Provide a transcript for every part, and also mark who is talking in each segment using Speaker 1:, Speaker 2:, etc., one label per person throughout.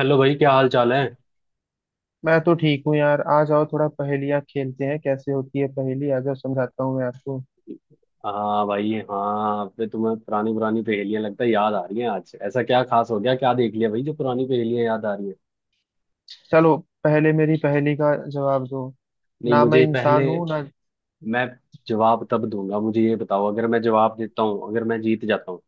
Speaker 1: Hello भाई, क्या हाल चाल है।
Speaker 2: मैं तो ठीक हूँ यार। आ जाओ, थोड़ा पहेलियाँ खेलते हैं। कैसे होती है पहेली आ जाओ समझाता हूँ मैं आपको।
Speaker 1: हाँ भाई हाँ, अब तो तुम्हें पुरानी पुरानी पहेलियां लगता है याद आ रही हैं। आज ऐसा क्या खास हो गया, क्या देख लिया भाई, जो पुरानी पहेलियां याद आ रही हैं।
Speaker 2: चलो पहले मेरी पहेली का जवाब दो।
Speaker 1: नहीं
Speaker 2: ना मैं
Speaker 1: मुझे
Speaker 2: इंसान
Speaker 1: पहले,
Speaker 2: हूँ ना।
Speaker 1: मैं जवाब तब दूंगा। मुझे ये बताओ, अगर मैं जवाब देता हूँ, अगर मैं जीत जाता हूँ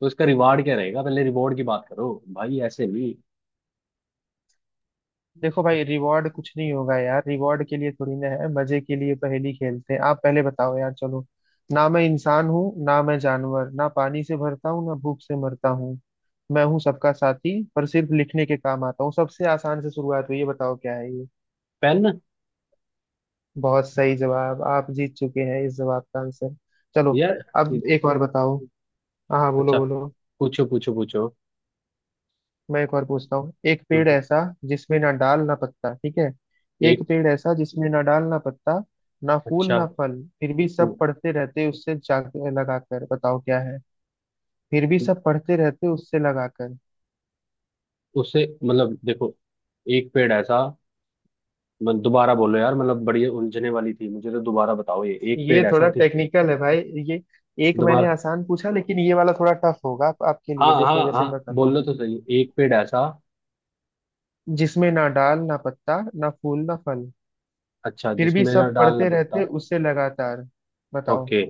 Speaker 1: तो इसका रिवार्ड क्या रहेगा। पहले रिवॉर्ड की बात करो भाई, ऐसे नहीं।
Speaker 2: देखो भाई रिवॉर्ड कुछ नहीं होगा यार। रिवॉर्ड के लिए थोड़ी ना है, मजे के लिए पहेली खेलते हैं। आप पहले बताओ यार, चलो। ना मैं इंसान हूँ ना मैं जानवर, ना पानी से भरता हूँ ना भूख से मरता हूँ। मैं हूँ सबका साथी, पर सिर्फ लिखने के काम आता हूँ। सबसे आसान से शुरुआत हुई, ये बताओ क्या है ये।
Speaker 1: पेन।
Speaker 2: बहुत सही जवाब, आप जीत चुके हैं इस जवाब का आंसर। चलो
Speaker 1: यार
Speaker 2: अब
Speaker 1: एक-
Speaker 2: एक और बताओ। हाँ हाँ, बोलो
Speaker 1: अच्छा,
Speaker 2: बोलो।
Speaker 1: पूछो पूछो पूछो।
Speaker 2: मैं एक और पूछता हूँ। एक पेड़
Speaker 1: हम्म,
Speaker 2: ऐसा जिसमें ना डाल ना पत्ता, ठीक है। एक
Speaker 1: एक।
Speaker 2: पेड़ ऐसा जिसमें ना डाल ना पत्ता, ना फूल
Speaker 1: अच्छा।
Speaker 2: ना फल, फिर भी सब
Speaker 1: उ-
Speaker 2: पढ़ते रहते उससे जाग लगाकर, बताओ क्या है। फिर भी सब पढ़ते रहते उससे लगाकर।
Speaker 1: उसे मतलब, देखो, एक पेड़ ऐसा। मैं दोबारा बोलो यार, मतलब बड़ी उलझने वाली थी मुझे, तो दोबारा बताओ ये एक पेड़
Speaker 2: ये
Speaker 1: ऐसा
Speaker 2: थोड़ा
Speaker 1: थी।
Speaker 2: टेक्निकल है भाई। ये एक मैंने
Speaker 1: दोबारा
Speaker 2: आसान पूछा, लेकिन ये वाला थोड़ा टफ होगा आपके
Speaker 1: हाँ
Speaker 2: लिए। देखो
Speaker 1: हाँ
Speaker 2: जैसे मैं
Speaker 1: हाँ,
Speaker 2: बताता हूँ।
Speaker 1: बोलो तो सही, एक पेड़ ऐसा।
Speaker 2: जिसमें ना डाल ना पत्ता, ना फूल ना फल,
Speaker 1: अच्छा,
Speaker 2: फिर भी
Speaker 1: जिसमें ना
Speaker 2: सब
Speaker 1: डालना
Speaker 2: पढ़ते रहते
Speaker 1: पड़ता।
Speaker 2: उससे लगातार। बताओ
Speaker 1: ओके,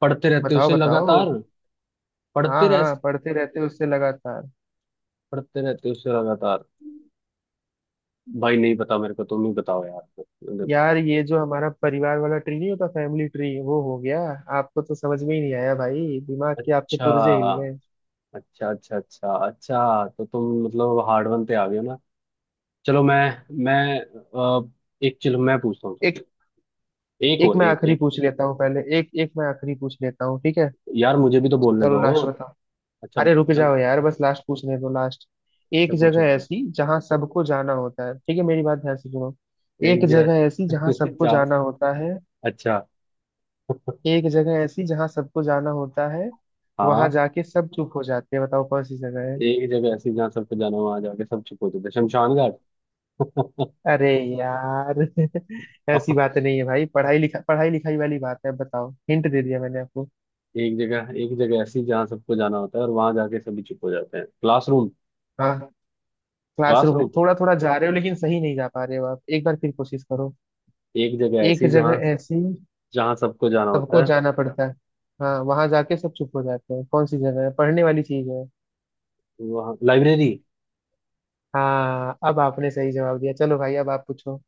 Speaker 1: पढ़ते रहते
Speaker 2: बताओ
Speaker 1: उसे
Speaker 2: बताओ।
Speaker 1: लगातार।
Speaker 2: हाँ
Speaker 1: पढ़ते रह
Speaker 2: हाँ, पढ़ते रहते उससे लगातार।
Speaker 1: पढ़ते रहते उसे लगातार। भाई नहीं पता मेरे को, तुम ही बताओ यार,
Speaker 2: यार ये जो हमारा परिवार वाला ट्री नहीं होता, फैमिली ट्री, वो हो गया। आपको तो समझ में ही नहीं आया भाई, दिमाग के आपके
Speaker 1: अच्छा
Speaker 2: पुर्जे हिल गए।
Speaker 1: अच्छा अच्छा अच्छा। अच्छा तो तुम मतलब हार्ड वन पे आ गए हो ना। चलो मैं अ, एक, चलो मैं पूछता हूँ
Speaker 2: एक
Speaker 1: तुमसे। एक
Speaker 2: एक
Speaker 1: और
Speaker 2: मैं
Speaker 1: एक
Speaker 2: आखिरी
Speaker 1: एक
Speaker 2: पूछ लेता हूँ। पहले एक एक मैं आखिरी पूछ लेता हूँ, ठीक है।
Speaker 1: यार, मुझे भी तो बोलने
Speaker 2: चलो
Speaker 1: दो।
Speaker 2: लास्ट बताओ।
Speaker 1: अच्छा
Speaker 2: अरे रुक
Speaker 1: चल।
Speaker 2: जाओ यार, बस लास्ट पूछने दो, लास्ट।
Speaker 1: अच्छा
Speaker 2: एक
Speaker 1: पूछो
Speaker 2: जगह
Speaker 1: मुझे।
Speaker 2: ऐसी जहाँ सबको जाना होता है, ठीक है मेरी बात ध्यान से सुनो। एक
Speaker 1: एक
Speaker 2: जगह ऐसी जहाँ
Speaker 1: जगह
Speaker 2: सबको
Speaker 1: जा।
Speaker 2: जाना होता है।
Speaker 1: अच्छा
Speaker 2: एक जगह ऐसी जहाँ सबको जाना होता है, वहां
Speaker 1: हाँ।
Speaker 2: जाके सब चुप हो जाते हैं, बताओ कौन सी जगह है।
Speaker 1: एक जगह ऐसी जहाँ सबको जाना, वहां जाके सब चुप हो जाते हैं। शमशान घाट।
Speaker 2: अरे यार ऐसी बात नहीं है भाई, पढ़ाई लिखा पढ़ाई लिखाई वाली बात है, बताओ। हिंट दे दिया मैंने आपको।
Speaker 1: एक जगह ऐसी जहाँ सबको जाना होता है और वहां जाके सभी चुप हो जाते हैं। क्लासरूम।
Speaker 2: हाँ, क्लासरूम
Speaker 1: क्लासरूम
Speaker 2: थोड़ा थोड़ा जा रहे हो लेकिन सही नहीं जा पा रहे हो आप, एक बार फिर कोशिश करो।
Speaker 1: एक जगह
Speaker 2: एक
Speaker 1: ऐसी
Speaker 2: जगह
Speaker 1: जहाँ
Speaker 2: ऐसी
Speaker 1: जहाँ सबको जाना
Speaker 2: सबको
Speaker 1: होता है।
Speaker 2: जाना पड़ता है। हाँ, वहां जाके सब चुप हो जाते हैं, कौन सी जगह है, पढ़ने वाली चीज है।
Speaker 1: वहाँ लाइब्रेरी।
Speaker 2: हाँ, अब आपने सही जवाब दिया। चलो भाई अब आप पूछो।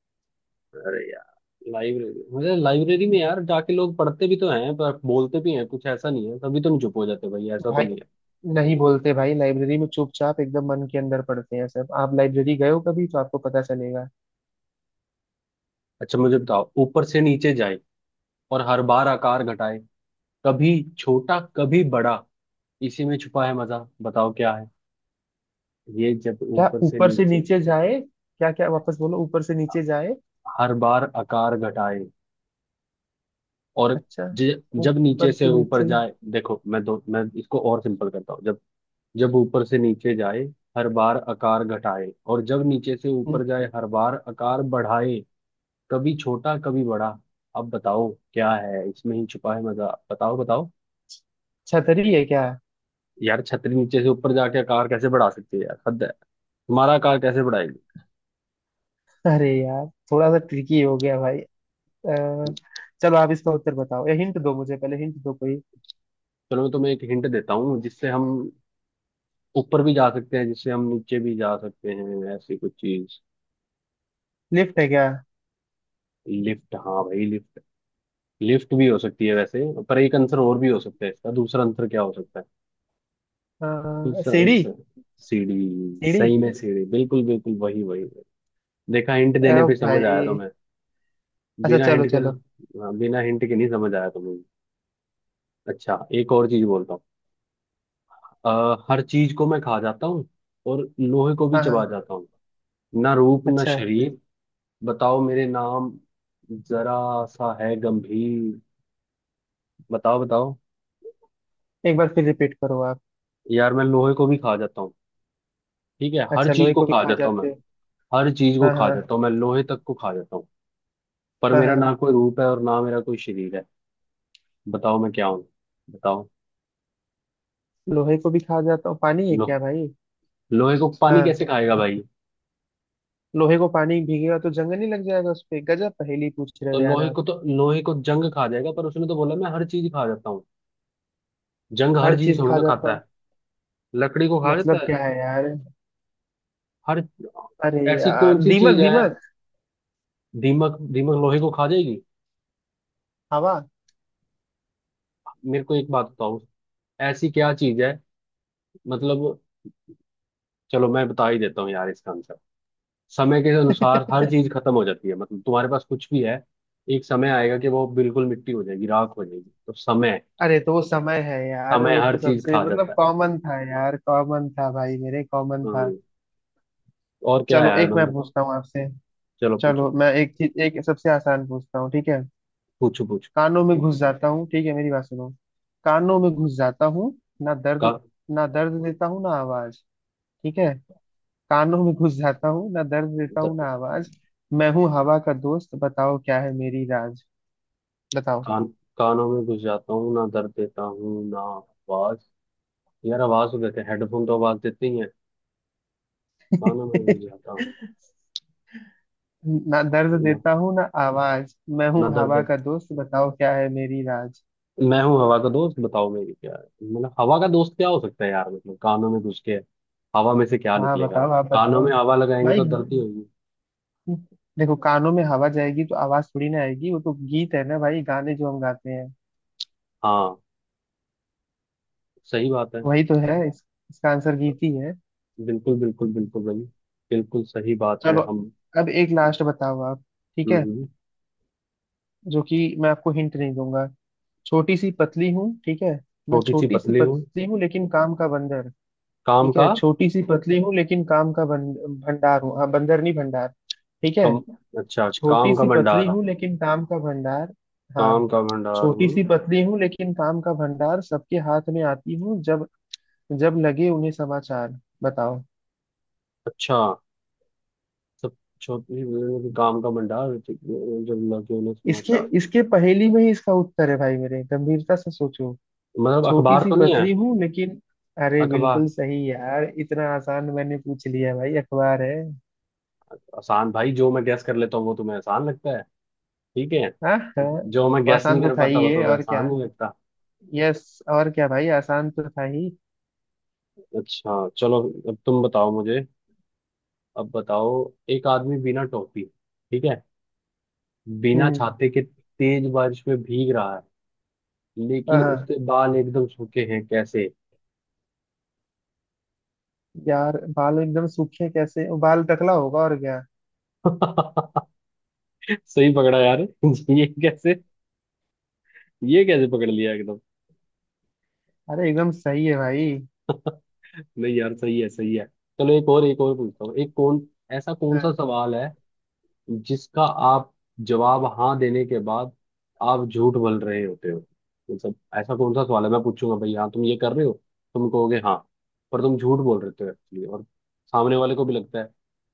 Speaker 1: अरे यार, लाइब्रेरी मुझे लाइब्रेरी में यार जाके लोग पढ़ते भी तो हैं पर बोलते भी हैं, कुछ ऐसा नहीं है तभी तो नहीं चुप हो जाते भाई, ऐसा तो
Speaker 2: भाई
Speaker 1: नहीं है।
Speaker 2: नहीं बोलते भाई, लाइब्रेरी में चुपचाप एकदम मन के अंदर पढ़ते हैं सब। आप लाइब्रेरी गए हो कभी तो आपको पता चलेगा।
Speaker 1: अच्छा मुझे बताओ, ऊपर से नीचे जाए और हर बार आकार घटाए, कभी छोटा कभी बड़ा, इसी में छुपा है मजा, बताओ क्या है। ये जब
Speaker 2: क्या
Speaker 1: ऊपर से
Speaker 2: ऊपर से
Speaker 1: नीचे
Speaker 2: नीचे जाए, क्या क्या, वापस बोलो। ऊपर से नीचे जाए,
Speaker 1: हर बार आकार घटाए और
Speaker 2: अच्छा।
Speaker 1: जब नीचे
Speaker 2: ऊपर
Speaker 1: से
Speaker 2: से
Speaker 1: ऊपर
Speaker 2: नीचे।
Speaker 1: जाए, देखो मैं दो मैं इसको और सिंपल करता हूँ। जब जब ऊपर से नीचे जाए हर बार आकार घटाए और जब नीचे से
Speaker 2: हम्म,
Speaker 1: ऊपर जाए हर बार आकार बढ़ाए, कभी छोटा कभी बड़ा, अब बताओ क्या है, इसमें ही छुपा है मजा, बताओ बताओ।
Speaker 2: छतरी है क्या।
Speaker 1: यार छतरी नीचे से ऊपर जाके आकार कैसे बढ़ा सकती है यार, हद है। तुम्हारा कार कैसे बढ़ाएगी।
Speaker 2: अरे यार, थोड़ा सा ट्रिकी हो गया भाई। अ, चलो आप इसका उत्तर बताओ, या हिंट दो मुझे, पहले हिंट दो कोई।
Speaker 1: चलो मैं तुम्हें एक हिंट देता हूँ, जिससे हम ऊपर भी जा सकते हैं, जिससे हम नीचे भी जा सकते हैं, ऐसी कुछ चीज।
Speaker 2: लिफ्ट है क्या।
Speaker 1: लिफ्ट, हाँ भाई लिफ्ट। लिफ्ट भी हो सकती है वैसे, पर एक आंसर और भी हो सकता है इसका, दूसरा आंसर क्या हो सकता है। दूसरा
Speaker 2: सीढ़ी।
Speaker 1: आंसर सीढ़ी,
Speaker 2: सीढ़ी।
Speaker 1: सही में सीढ़ी, बिल्कुल बिल्कुल, वही वही वही। देखा, हिंट देने पे समझ आया
Speaker 2: भाई
Speaker 1: तुम्हें,
Speaker 2: अच्छा,
Speaker 1: बिना
Speaker 2: चलो
Speaker 1: हिंट के।
Speaker 2: चलो।
Speaker 1: हाँ, बिना हिंट के नहीं समझ आया तुम्हें। अच्छा एक और चीज बोलता हूँ। हर चीज को मैं खा जाता हूँ और लोहे को भी
Speaker 2: हाँ
Speaker 1: चबा
Speaker 2: हाँ।
Speaker 1: जाता हूँ, ना रूप ना
Speaker 2: अच्छा
Speaker 1: शरीर, बताओ मेरे नाम, जरा सा है गंभीर, बताओ बताओ।
Speaker 2: एक बार फिर रिपीट करो आप।
Speaker 1: यार मैं लोहे को भी खा जाता हूँ, ठीक है, हर
Speaker 2: अच्छा
Speaker 1: चीज
Speaker 2: लोहे
Speaker 1: को
Speaker 2: को भी
Speaker 1: खा
Speaker 2: खा
Speaker 1: जाता हूँ मैं।
Speaker 2: जाते हो।
Speaker 1: हर चीज को
Speaker 2: हाँ
Speaker 1: खा
Speaker 2: हाँ।
Speaker 1: जाता हूँ मैं, लोहे तक को खा जाता हूँ, पर
Speaker 2: हाँ
Speaker 1: मेरा
Speaker 2: हाँ।
Speaker 1: ना कोई रूप है और ना मेरा कोई शरीर है, बताओ मैं क्या हूँ, बताओ।
Speaker 2: लोहे को भी खा जाता हूँ, पानी है
Speaker 1: लो,
Speaker 2: क्या भाई।
Speaker 1: लोहे को पानी
Speaker 2: हाँ,
Speaker 1: कैसे खाएगा भाई।
Speaker 2: लोहे को पानी भीगेगा तो जंग नहीं लग जाएगा उस पे। गजब पहेली पूछ रहे
Speaker 1: तो
Speaker 2: हो यार
Speaker 1: लोहे
Speaker 2: आप।
Speaker 1: को तो लोहे को जंग खा जाएगा, पर उसने तो बोला मैं हर चीज खा जाता हूँ। जंग हर
Speaker 2: हर
Speaker 1: चीज
Speaker 2: चीज
Speaker 1: थोड़ी
Speaker 2: खा
Speaker 1: ना
Speaker 2: जाता
Speaker 1: खाता
Speaker 2: हूँ,
Speaker 1: है, लकड़ी को खा
Speaker 2: मतलब
Speaker 1: जाता है।
Speaker 2: क्या है यार।
Speaker 1: हर
Speaker 2: अरे
Speaker 1: ऐसी
Speaker 2: यार,
Speaker 1: कौन सी
Speaker 2: दीमक
Speaker 1: चीज है।
Speaker 2: दीमक।
Speaker 1: दीमक दीमक लोहे को खा जाएगी।
Speaker 2: हवा।
Speaker 1: मेरे को एक बात बताओ, ऐसी क्या चीज है, मतलब। चलो मैं बता ही देता हूँ यार इसका आंसर। समय के अनुसार हर चीज खत्म हो जाती है, मतलब तुम्हारे पास कुछ भी है, एक समय आएगा कि वो बिल्कुल मिट्टी हो जाएगी, राख हो जाएगी, तो समय।
Speaker 2: अरे तो वो समय है यार,
Speaker 1: समय
Speaker 2: वो
Speaker 1: हर
Speaker 2: तो
Speaker 1: चीज
Speaker 2: सबसे
Speaker 1: खा जाता
Speaker 2: मतलब
Speaker 1: है।
Speaker 2: कॉमन था यार, कॉमन था भाई मेरे, कॉमन था।
Speaker 1: हम्म, और क्या है
Speaker 2: चलो
Speaker 1: यार,
Speaker 2: एक मैं
Speaker 1: मतलब।
Speaker 2: पूछता हूँ आपसे।
Speaker 1: चलो पूछो
Speaker 2: चलो मैं एक चीज, एक सबसे आसान पूछता हूँ, ठीक है।
Speaker 1: पूछो पूछो।
Speaker 2: कानों में घुस जाता हूँ, ठीक है मेरी बात सुनो। कानों में घुस जाता हूँ, ना
Speaker 1: का,
Speaker 2: दर्द, ना दर्द देता हूँ ना आवाज, ठीक है। कानों में घुस जाता हूँ, ना दर्द देता हूँ ना
Speaker 1: दर्द-
Speaker 2: आवाज, मैं हूँ हवा का दोस्त, बताओ क्या है मेरी राज। बताओ।
Speaker 1: कान कानों में घुस जाता हूँ, ना दर्द देता हूँ ना आवाज। यार आवाज तो देते हैं, हेडफोन तो आवाज देते ही है। कानों में घुस जाता हूँ,
Speaker 2: ना दर्द
Speaker 1: ना
Speaker 2: देता हूँ ना आवाज, मैं
Speaker 1: ना
Speaker 2: हूँ हवा
Speaker 1: दर्द।
Speaker 2: का दोस्त, बताओ क्या है मेरी राज।
Speaker 1: मैं हूँ हवा का दोस्त, बताओ मेरी क्या है। मतलब हवा का दोस्त क्या हो सकता है यार, मतलब कानों में घुस के हवा में से क्या
Speaker 2: हाँ
Speaker 1: निकलेगा।
Speaker 2: बताओ, आप
Speaker 1: कानों
Speaker 2: बताओ
Speaker 1: में हवा लगाएंगे
Speaker 2: भाई।
Speaker 1: तो दर्द ही होगी।
Speaker 2: देखो कानों में हवा जाएगी तो आवाज थोड़ी ना आएगी, वो तो गीत है ना भाई, गाने जो हम गाते हैं,
Speaker 1: हाँ, सही बात है।
Speaker 2: वही तो है। इसका आंसर गीत ही है।
Speaker 1: बिल्कुल बिल्कुल बिल्कुल भाई, बिल्कुल सही बात है
Speaker 2: चलो
Speaker 1: हम।
Speaker 2: अब एक लास्ट बताओ आप, ठीक
Speaker 1: हम्म,
Speaker 2: है।
Speaker 1: हम्म।
Speaker 2: जो कि मैं आपको हिंट नहीं दूंगा। छोटी सी पतली हूँ, ठीक है। मैं
Speaker 1: छोटी सी
Speaker 2: छोटी सी
Speaker 1: पतली हूँ,
Speaker 2: पतली हूँ लेकिन काम का बंदर,
Speaker 1: काम
Speaker 2: ठीक
Speaker 1: का,
Speaker 2: है। छोटी सी पतली हूँ लेकिन काम का बंद, भंडार हूँ। हाँ बंदर नहीं भंडार, ठीक है।
Speaker 1: कम अच्छा काम
Speaker 2: छोटी
Speaker 1: का
Speaker 2: सी पतली
Speaker 1: भंडार,
Speaker 2: हूँ लेकिन काम का भंडार। हाँ।
Speaker 1: काम का भंडार
Speaker 2: छोटी
Speaker 1: हूँ।
Speaker 2: सी पतली हूँ लेकिन काम का भंडार, सबके हाथ में आती हूँ जब, जब लगे उन्हें समाचार, बताओ।
Speaker 1: अच्छा, सब, छोटी, काम का भंडार जब लगे उन्हें
Speaker 2: इसके
Speaker 1: समाचार।
Speaker 2: इसके पहेली में ही इसका उत्तर है भाई मेरे, गंभीरता से सोचो।
Speaker 1: मतलब
Speaker 2: छोटी
Speaker 1: अखबार
Speaker 2: सी
Speaker 1: तो नहीं है।
Speaker 2: पतली हूँ लेकिन, अरे
Speaker 1: अखबार
Speaker 2: बिल्कुल सही यार। इतना आसान मैंने पूछ लिया भाई, अखबार है।
Speaker 1: आसान भाई, जो मैं गैस कर लेता हूँ वो तुम्हें आसान लगता है, ठीक है।
Speaker 2: हाँ हाँ।
Speaker 1: जो मैं
Speaker 2: तो
Speaker 1: गैस नहीं
Speaker 2: आसान तो
Speaker 1: कर
Speaker 2: था
Speaker 1: पाता
Speaker 2: ही
Speaker 1: वो
Speaker 2: ये,
Speaker 1: तुम्हें
Speaker 2: और क्या।
Speaker 1: आसान नहीं लगता।
Speaker 2: यस और क्या भाई, आसान तो था ही।
Speaker 1: अच्छा चलो, अब तुम बताओ मुझे, अब बताओ। एक आदमी बिना टोपी, ठीक है, बिना
Speaker 2: हम्म।
Speaker 1: छाते के तेज बारिश में भीग रहा है,
Speaker 2: हाँ
Speaker 1: लेकिन
Speaker 2: हाँ।
Speaker 1: उसके बाल एकदम सूखे हैं, कैसे।
Speaker 2: यार बाल एकदम सूखे कैसे, बाल टकला होगा और क्या।
Speaker 1: सही पकड़ा यार। ये कैसे, ये कैसे पकड़ लिया एकदम।
Speaker 2: अरे एकदम सही है भाई।
Speaker 1: नहीं यार, सही है सही है। चलो एक और, एक और पूछता हूँ। एक कौन ऐसा कौन
Speaker 2: हाँ,
Speaker 1: सा सवाल है जिसका आप जवाब हाँ देने के बाद आप झूठ बोल रहे होते हो, मतलब ऐसा कौन सा सवाल है, मैं पूछूंगा भाई हाँ तुम ये कर रहे हो, तुम कहोगे हाँ, पर तुम झूठ बोल रहे हो एक्चुअली, और सामने वाले को भी लगता है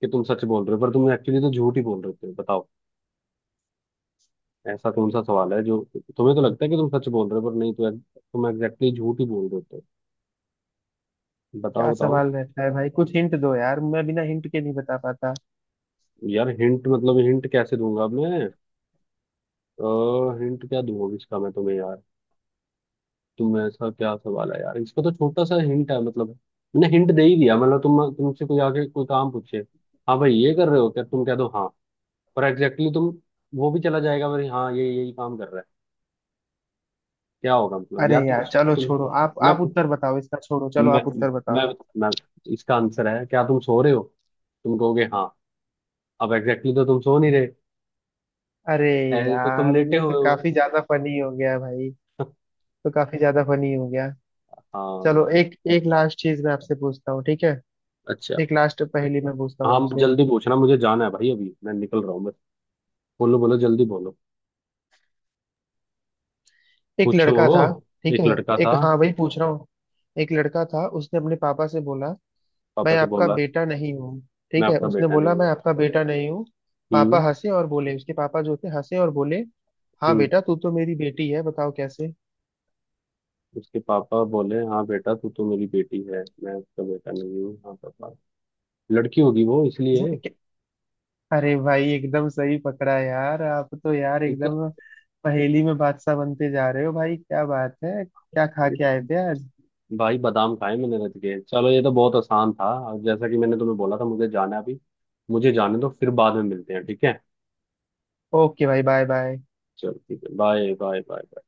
Speaker 1: कि तुम सच बोल रहे हो, पर तुम एक्चुअली तो झूठ ही बोल रहे होते हो, बताओ ऐसा कौन सा सवाल है जो तुम्हें तो लगता है कि तुम सच बोल रहे हो, पर नहीं तो, तुम एग्जैक्टली झूठ ही बोल रहे होते हो,
Speaker 2: क्या
Speaker 1: बताओ बताओ।
Speaker 2: सवाल रहता है भाई, कुछ हिंट दो यार, मैं बिना हिंट के नहीं बता पाता।
Speaker 1: यार हिंट, मतलब हिंट कैसे दूंगा अब मैं, हिंट क्या दूंगा इसका मैं तुम्हें यार, तुम ऐसा क्या सवाल है यार, इसका तो छोटा सा हिंट है, मतलब मैंने हिंट दे ही दिया। मतलब तुमसे कोई आके कोई काम पूछे, हाँ भाई ये कर रहे हो क्या, तुम कह दो हाँ, पर एग्जैक्टली exactly तुम वो भी चला जाएगा भाई, हाँ ये यही काम कर रहा है, क्या होगा मतलब
Speaker 2: अरे
Speaker 1: यार। तुम
Speaker 2: यार, चलो
Speaker 1: तुम
Speaker 2: छोड़ो,
Speaker 1: मैं
Speaker 2: आप उत्तर बताओ इसका, छोड़ो चलो
Speaker 1: मैं
Speaker 2: आप उत्तर
Speaker 1: मैं,
Speaker 2: बताओ।
Speaker 1: मैं इसका आंसर है, क्या तुम सो रहे हो, तुम कहोगे हाँ, अब एग्जैक्टली exactly तो तुम सो नहीं रहे,
Speaker 2: अरे
Speaker 1: ऐसे तो तुम
Speaker 2: यार,
Speaker 1: लेटे
Speaker 2: ये
Speaker 1: हुए
Speaker 2: तो
Speaker 1: हो।
Speaker 2: काफी ज्यादा फनी हो गया भाई। तो काफी ज्यादा फनी हो गया। चलो
Speaker 1: हाँ।
Speaker 2: एक, एक लास्ट चीज मैं आपसे पूछता हूँ, ठीक है।
Speaker 1: अच्छा।
Speaker 2: एक लास्ट पहेली मैं पूछता हूँ
Speaker 1: हाँ
Speaker 2: आपसे।
Speaker 1: जल्दी पूछना, मुझे जाना है भाई, अभी मैं निकल रहा हूँ बस, बोलो बोलो जल्दी बोलो।
Speaker 2: एक
Speaker 1: पूछो।
Speaker 2: लड़का था, ठीक
Speaker 1: एक
Speaker 2: है।
Speaker 1: लड़का था,
Speaker 2: एक, हाँ भाई पूछ रहा हूँ। एक लड़का था, उसने अपने पापा से बोला
Speaker 1: पापा
Speaker 2: मैं
Speaker 1: से
Speaker 2: आपका
Speaker 1: बोला
Speaker 2: बेटा नहीं हूँ।
Speaker 1: मैं
Speaker 2: ठीक है
Speaker 1: आपका
Speaker 2: उसने
Speaker 1: बेटा नहीं
Speaker 2: बोला मैं
Speaker 1: हूँ।
Speaker 2: आपका बेटा नहीं हूँ। पापा
Speaker 1: हम्म,
Speaker 2: हंसे और बोले, उसके पापा जो थे हंसे और बोले, हाँ
Speaker 1: हम्म।
Speaker 2: बेटा तू तो मेरी बेटी है, बताओ कैसे।
Speaker 1: उसके पापा बोले हाँ बेटा तू तो मेरी बेटी है, मैं उसका बेटा नहीं हूँ हाँ पापा, लड़की होगी वो इसलिए।
Speaker 2: अरे भाई एकदम सही पकड़ा यार, आप तो यार
Speaker 1: ये तो
Speaker 2: एकदम पहेली में बादशाह बनते जा रहे हो भाई, क्या बात है, क्या खा
Speaker 1: ये-
Speaker 2: के आए थे आज।
Speaker 1: भाई बादाम खाए मैंने रच के, चलो ये तो बहुत आसान था। और जैसा कि मैंने तुम्हें बोला था, मुझे जाना है अभी, मुझे जाने दो, फिर बाद में मिलते हैं, ठीक है।
Speaker 2: ओके भाई, बाय बाय।
Speaker 1: चलो ठीक है, बाय बाय बाय।